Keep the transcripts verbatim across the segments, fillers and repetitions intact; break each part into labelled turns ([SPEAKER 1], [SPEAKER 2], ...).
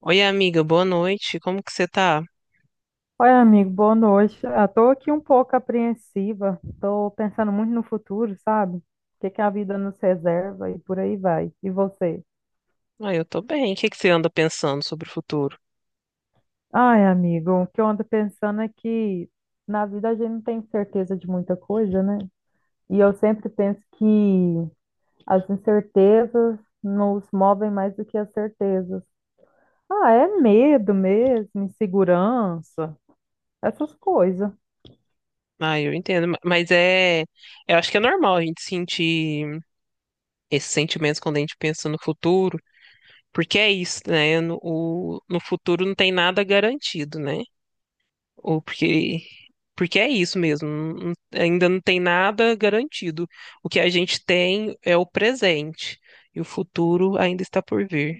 [SPEAKER 1] Oi, amiga, boa noite. Como que você tá?
[SPEAKER 2] Oi, amigo, boa noite. Ah, tô aqui um pouco apreensiva. Tô pensando muito no futuro, sabe? O que que a vida nos reserva e por aí vai. E você?
[SPEAKER 1] Ah, eu tô bem. O que que você anda pensando sobre o futuro?
[SPEAKER 2] Ai, amigo, o que eu ando pensando é que na vida a gente não tem certeza de muita coisa, né? E eu sempre penso que as incertezas nos movem mais do que as certezas. Ah, é medo mesmo, insegurança, essas coisas.
[SPEAKER 1] Ah, eu entendo, ma- mas é, eu acho que é normal a gente sentir esses sentimentos quando a gente pensa no futuro, porque é isso, né? No, o- no futuro não tem nada garantido, né? Ou porque, porque é isso mesmo, não- ainda não tem nada garantido. O que a gente tem é o presente, e o futuro ainda está por vir.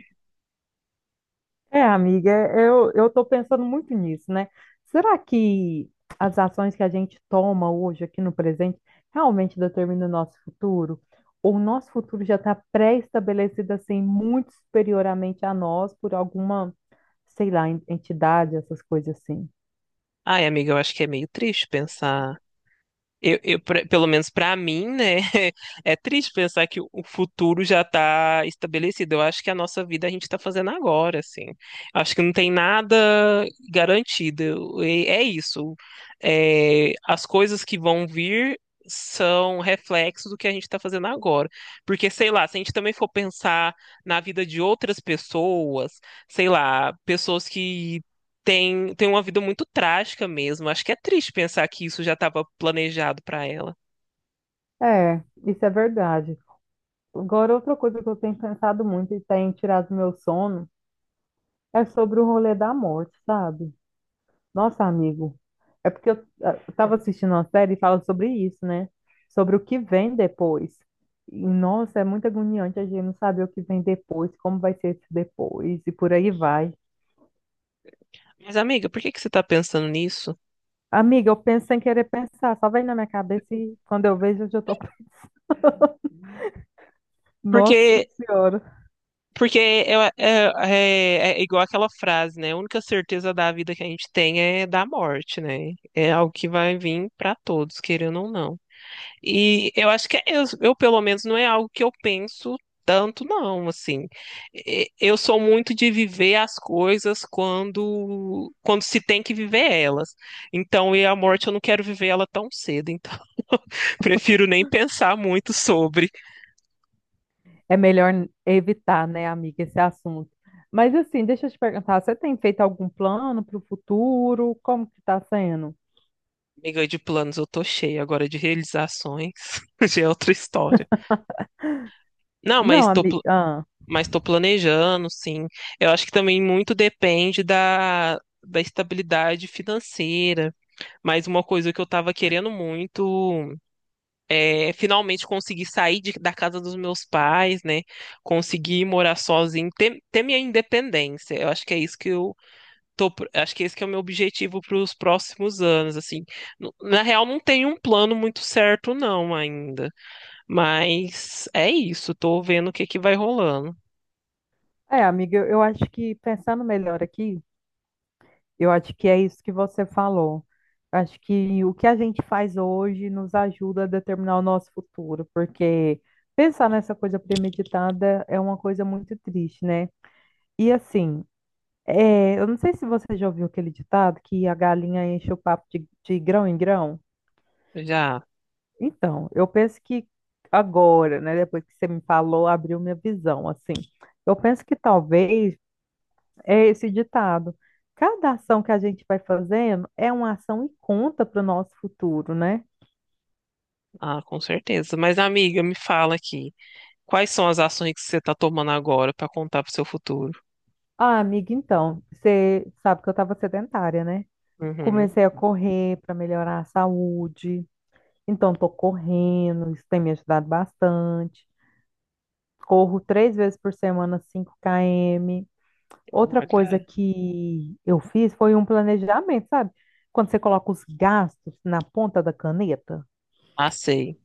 [SPEAKER 2] É, amiga, é, eu eu estou pensando muito nisso, né? Será que as ações que a gente toma hoje aqui no presente realmente determinam o nosso futuro? Ou o nosso futuro já está pré-estabelecido assim, muito superioramente a nós por alguma, sei lá, en- entidade, essas coisas assim?
[SPEAKER 1] Ai, amiga, eu acho que é meio triste pensar. Eu, eu, pra- pelo menos para mim, né? É triste pensar que o o futuro já está estabelecido. Eu acho que a nossa vida a gente está fazendo agora, assim. Acho que não tem nada garantido. Eu- e- É isso. É, as coisas que vão vir são reflexos do que a gente está fazendo agora. Porque, sei lá, se a gente também for pensar na vida de outras pessoas, sei lá, pessoas que tem, tem uma vida muito trágica mesmo. Acho que é triste pensar que isso já estava planejado para ela.
[SPEAKER 2] É, isso é verdade. Agora, outra coisa que eu tenho pensado muito e tem tirado meu sono é sobre o rolê da morte, sabe? Nossa, amigo, é porque eu estava assistindo uma série e fala sobre isso, né? Sobre o que vem depois. E, nossa, é muito agoniante a gente não saber o que vem depois, como vai ser esse depois e por aí vai.
[SPEAKER 1] Mas, amiga, por que que você está pensando nisso?
[SPEAKER 2] Amiga, eu penso sem querer pensar, só vem na minha cabeça e quando eu vejo eu já tô. Nossa
[SPEAKER 1] Porque,
[SPEAKER 2] Senhora.
[SPEAKER 1] porque é, é, é- é igual aquela frase, né? A única certeza da vida que a gente tem é da morte, né? É algo que vai vir para todos, querendo ou não. E eu acho que é isso. Eu, pelo menos, não é algo que eu penso tanto, não, assim. E- Eu sou muito de viver as coisas quando quando se tem que viver elas. Então, e a morte eu não quero viver ela tão cedo, então prefiro nem pensar muito sobre.
[SPEAKER 2] É melhor evitar, né, amiga, esse assunto. Mas assim, deixa eu te perguntar, você tem feito algum plano para o futuro? Como que está sendo?
[SPEAKER 1] Amiga, de planos eu tô cheia agora de realizações, já é outra história. Não, mas
[SPEAKER 2] Não,
[SPEAKER 1] tô
[SPEAKER 2] amiga.
[SPEAKER 1] pl-
[SPEAKER 2] Ah,
[SPEAKER 1] mas tô planejando, sim. Eu acho que também muito depende da da estabilidade financeira. Mas uma coisa que eu tava querendo muito é finalmente conseguir sair de- da casa dos meus pais, né? Conseguir morar sozinho, ter, ter minha independência. Eu acho que é isso que eu tô, pro- acho que esse que é o meu objetivo para os próximos anos, assim. Nu- Na real, não tenho um plano muito certo, não, ainda. Mas é isso, tô vendo o que que vai rolando.
[SPEAKER 2] é, amiga, eu eu acho que pensando melhor aqui, eu acho que é isso que você falou. Acho que o que a gente faz hoje nos ajuda a determinar o nosso futuro, porque pensar nessa coisa premeditada é uma coisa muito triste, né? E assim, é, eu não sei se você já ouviu aquele ditado que a galinha enche o papo de, de grão em grão.
[SPEAKER 1] Já,
[SPEAKER 2] Então, eu penso que agora, né, depois que você me falou, abriu minha visão, assim. Eu penso que talvez é esse ditado. Cada ação que a gente vai fazendo é uma ação e conta para o nosso futuro, né?
[SPEAKER 1] ah, com certeza. Mas, amiga, me fala aqui, quais são as ações que você tá tomando agora para contar pro seu futuro?
[SPEAKER 2] Ah, amiga, então, você sabe que eu estava sedentária, né?
[SPEAKER 1] Uhum.
[SPEAKER 2] Comecei a correr para melhorar a saúde. Então, estou correndo, isso tem me ajudado bastante. Corro três vezes por semana, cinco quilômetros. Outra coisa
[SPEAKER 1] Olha,
[SPEAKER 2] que eu fiz foi um planejamento, sabe? Quando você coloca os gastos na ponta da caneta.
[SPEAKER 1] ah, sei.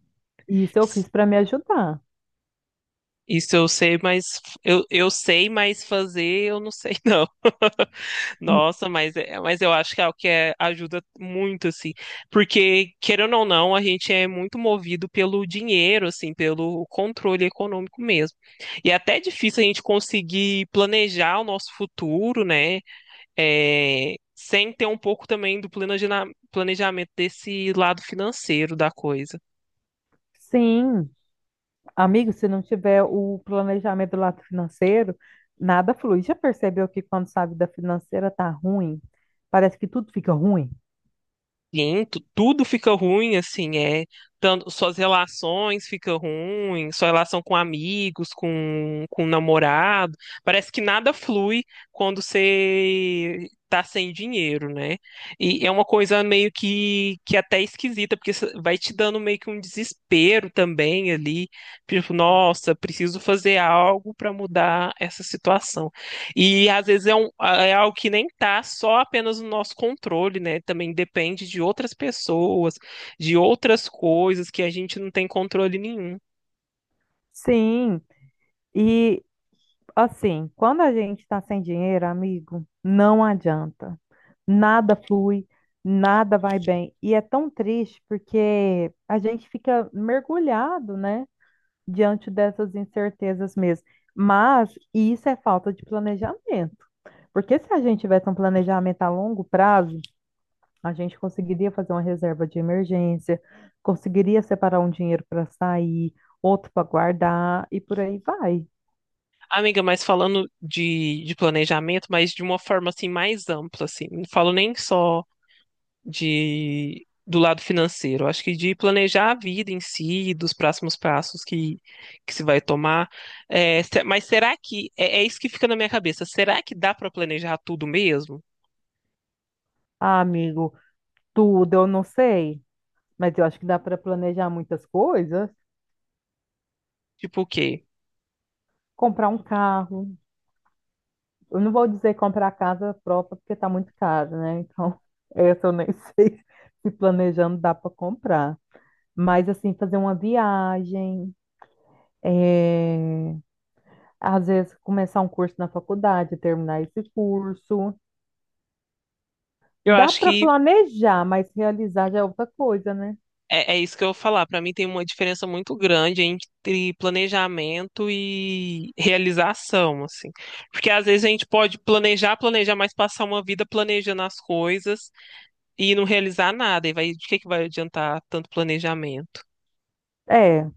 [SPEAKER 2] Isso eu
[SPEAKER 1] S-
[SPEAKER 2] fiz para me ajudar.
[SPEAKER 1] Isso eu sei, mas f- eu, eu sei, mas fazer eu não sei, não.
[SPEAKER 2] Hum.
[SPEAKER 1] Nossa, mas, é- mas eu acho que é o que é- ajuda muito, assim. Porque, querendo ou não, a gente é muito movido pelo dinheiro, assim, pelo controle econômico mesmo. E é até difícil a gente conseguir planejar o nosso futuro, né? É, sem ter um pouco também do planejina- planejamento desse lado financeiro da coisa.
[SPEAKER 2] Sim, amigo, se não tiver o planejamento do lado financeiro, nada flui. Já percebeu que quando sua vida financeira tá ruim, parece que tudo fica ruim?
[SPEAKER 1] Sim, tu- tudo fica ruim, assim, é. Tanto, suas relações ficam ruins, sua relação com amigos, com, com namorado. Parece que nada flui quando você tá sem dinheiro, né? E é uma coisa meio que, que até esquisita, porque isso vai te dando meio que um desespero também ali. Tipo, nossa, preciso fazer algo para mudar essa situação. E às vezes é, um, é algo que nem tá só apenas no nosso controle, né? Também depende de outras pessoas, de outras coisas que a gente não tem controle nenhum.
[SPEAKER 2] Sim, e assim, quando a gente está sem dinheiro, amigo, não adianta. Nada flui, nada vai bem. E é tão triste porque a gente fica mergulhado, né, diante dessas incertezas mesmo. Mas isso é falta de planejamento. Porque se a gente tivesse um planejamento a longo prazo, a gente conseguiria fazer uma reserva de emergência, conseguiria separar um dinheiro para sair, outro para guardar e por aí vai.
[SPEAKER 1] Amiga, mas falando de, de planejamento, mas de uma forma assim mais ampla, assim, não falo nem só de do lado financeiro, acho que de planejar a vida em si, dos próximos passos que, que se vai tomar. É, se- mas será que é, é isso que fica na minha cabeça? Será que dá para planejar tudo mesmo?
[SPEAKER 2] Ah, amigo. Tudo, eu não sei, mas eu acho que dá para planejar muitas coisas.
[SPEAKER 1] Tipo o quê?
[SPEAKER 2] Comprar um carro. Eu não vou dizer comprar casa própria, porque está muito caro, né? Então, essa eu nem sei se planejando dá para comprar. Mas, assim, fazer uma viagem, é, às vezes começar um curso na faculdade, terminar esse curso.
[SPEAKER 1] Eu
[SPEAKER 2] Dá
[SPEAKER 1] acho
[SPEAKER 2] para
[SPEAKER 1] que
[SPEAKER 2] planejar, mas realizar já é outra coisa, né?
[SPEAKER 1] é, é isso que eu vou falar. Para mim tem uma diferença muito grande entre planejamento e realização, assim. Porque às vezes a gente pode planejar, planejar, mas passar uma vida planejando as coisas e não realizar nada. E vai, de que que vai adiantar tanto planejamento?
[SPEAKER 2] É,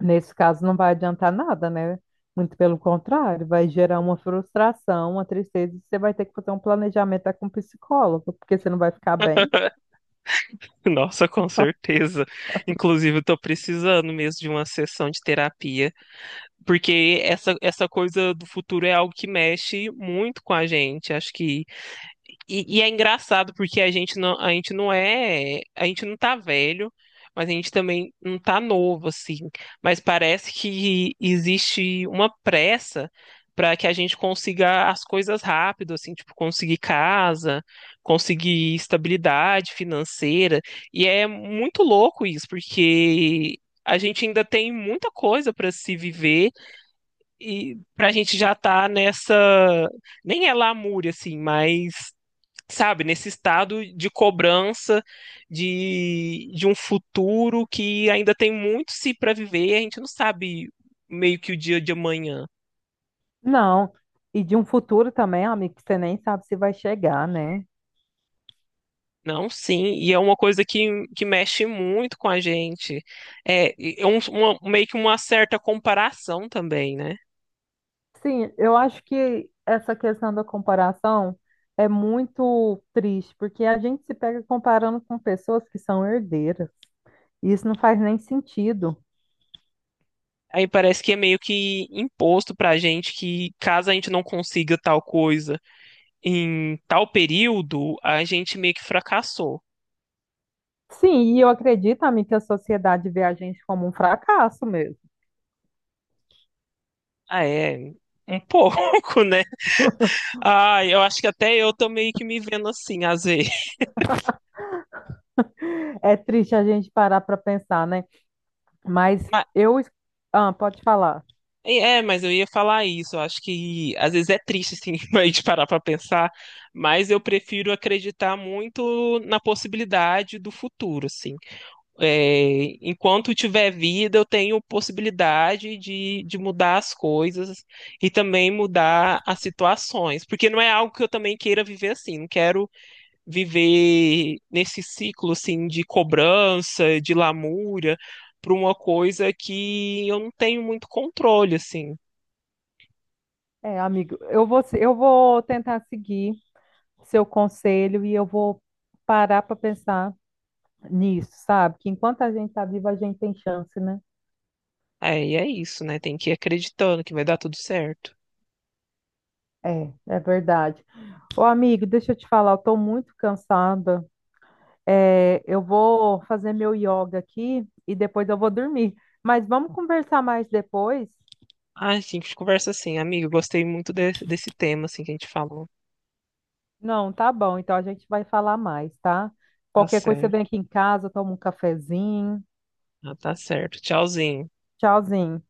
[SPEAKER 2] nesse caso, não vai adiantar nada, né? Muito pelo contrário, vai gerar uma frustração, uma tristeza, e você vai ter que fazer um planejamento até com um psicólogo, porque você não vai ficar bem.
[SPEAKER 1] Nossa, com certeza. Inclusive, eu tô precisando mesmo de uma sessão de terapia, porque essa, essa coisa do futuro é algo que mexe muito com a gente. Acho que... E, e é engraçado porque a gente não, a gente não é, a gente não tá velho, mas a gente também não tá novo, assim. Mas parece que existe uma pressa para que a gente consiga as coisas rápido, assim, tipo, conseguir casa, conseguir estabilidade financeira. E é muito louco isso, porque a gente ainda tem muita coisa para se viver e pra gente já tá nessa, nem é lamúria, assim, mas sabe, nesse estado de cobrança de, de um futuro que ainda tem muito se para viver e a gente não sabe meio que o dia de amanhã.
[SPEAKER 2] Não, e de um futuro também, amigo, que você nem sabe se vai chegar, né?
[SPEAKER 1] Não, sim, e é uma coisa que, que mexe muito com a gente. É, é um, uma- meio que uma certa comparação também, né?
[SPEAKER 2] Sim, eu acho que essa questão da comparação é muito triste, porque a gente se pega comparando com pessoas que são herdeiras, e isso não faz nem sentido.
[SPEAKER 1] Aí parece que é meio que imposto pra gente que caso a gente não consiga tal coisa em tal período, a gente meio que fracassou.
[SPEAKER 2] Sim, e eu acredito, amigo, que a sociedade vê a gente como um fracasso mesmo.
[SPEAKER 1] Ah, é, um pouco, né? Ah, eu acho que até eu tô meio que me vendo assim, às vezes.
[SPEAKER 2] É triste a gente parar para pensar, né? Mas
[SPEAKER 1] Mas-
[SPEAKER 2] eu. Ah, pode falar.
[SPEAKER 1] É, mas eu ia falar isso. Eu acho que às vezes é triste, assim, a gente parar pra pensar. Mas eu prefiro acreditar muito na possibilidade do futuro, assim. É, enquanto tiver vida, eu tenho possibilidade de, de mudar as coisas e também mudar as situações. Porque não é algo que eu também queira viver assim. Não quero viver nesse ciclo assim de cobrança, de lamúria, para uma coisa que eu não tenho muito controle assim.
[SPEAKER 2] É, amigo, eu vou, se- eu vou tentar seguir seu conselho e eu vou parar para pensar nisso, sabe? Que enquanto a gente está vivo, a gente tem chance, né?
[SPEAKER 1] É, e é isso, né? Tem que ir acreditando que vai dar tudo certo.
[SPEAKER 2] É, é verdade. Ô, amigo, deixa eu te falar, eu tô muito cansada. É, eu vou fazer meu yoga aqui e depois eu vou dormir. Mas vamos conversar mais depois?
[SPEAKER 1] Ah, sim, que conversa assim, amigo. Gostei muito de- desse tema assim que a gente falou.
[SPEAKER 2] Não, tá bom. Então a gente vai falar mais, tá?
[SPEAKER 1] Tá
[SPEAKER 2] Qualquer coisa você vem
[SPEAKER 1] certo.
[SPEAKER 2] aqui em casa, toma um cafezinho.
[SPEAKER 1] Ah, tá certo. Tchauzinho.
[SPEAKER 2] Tchauzinho.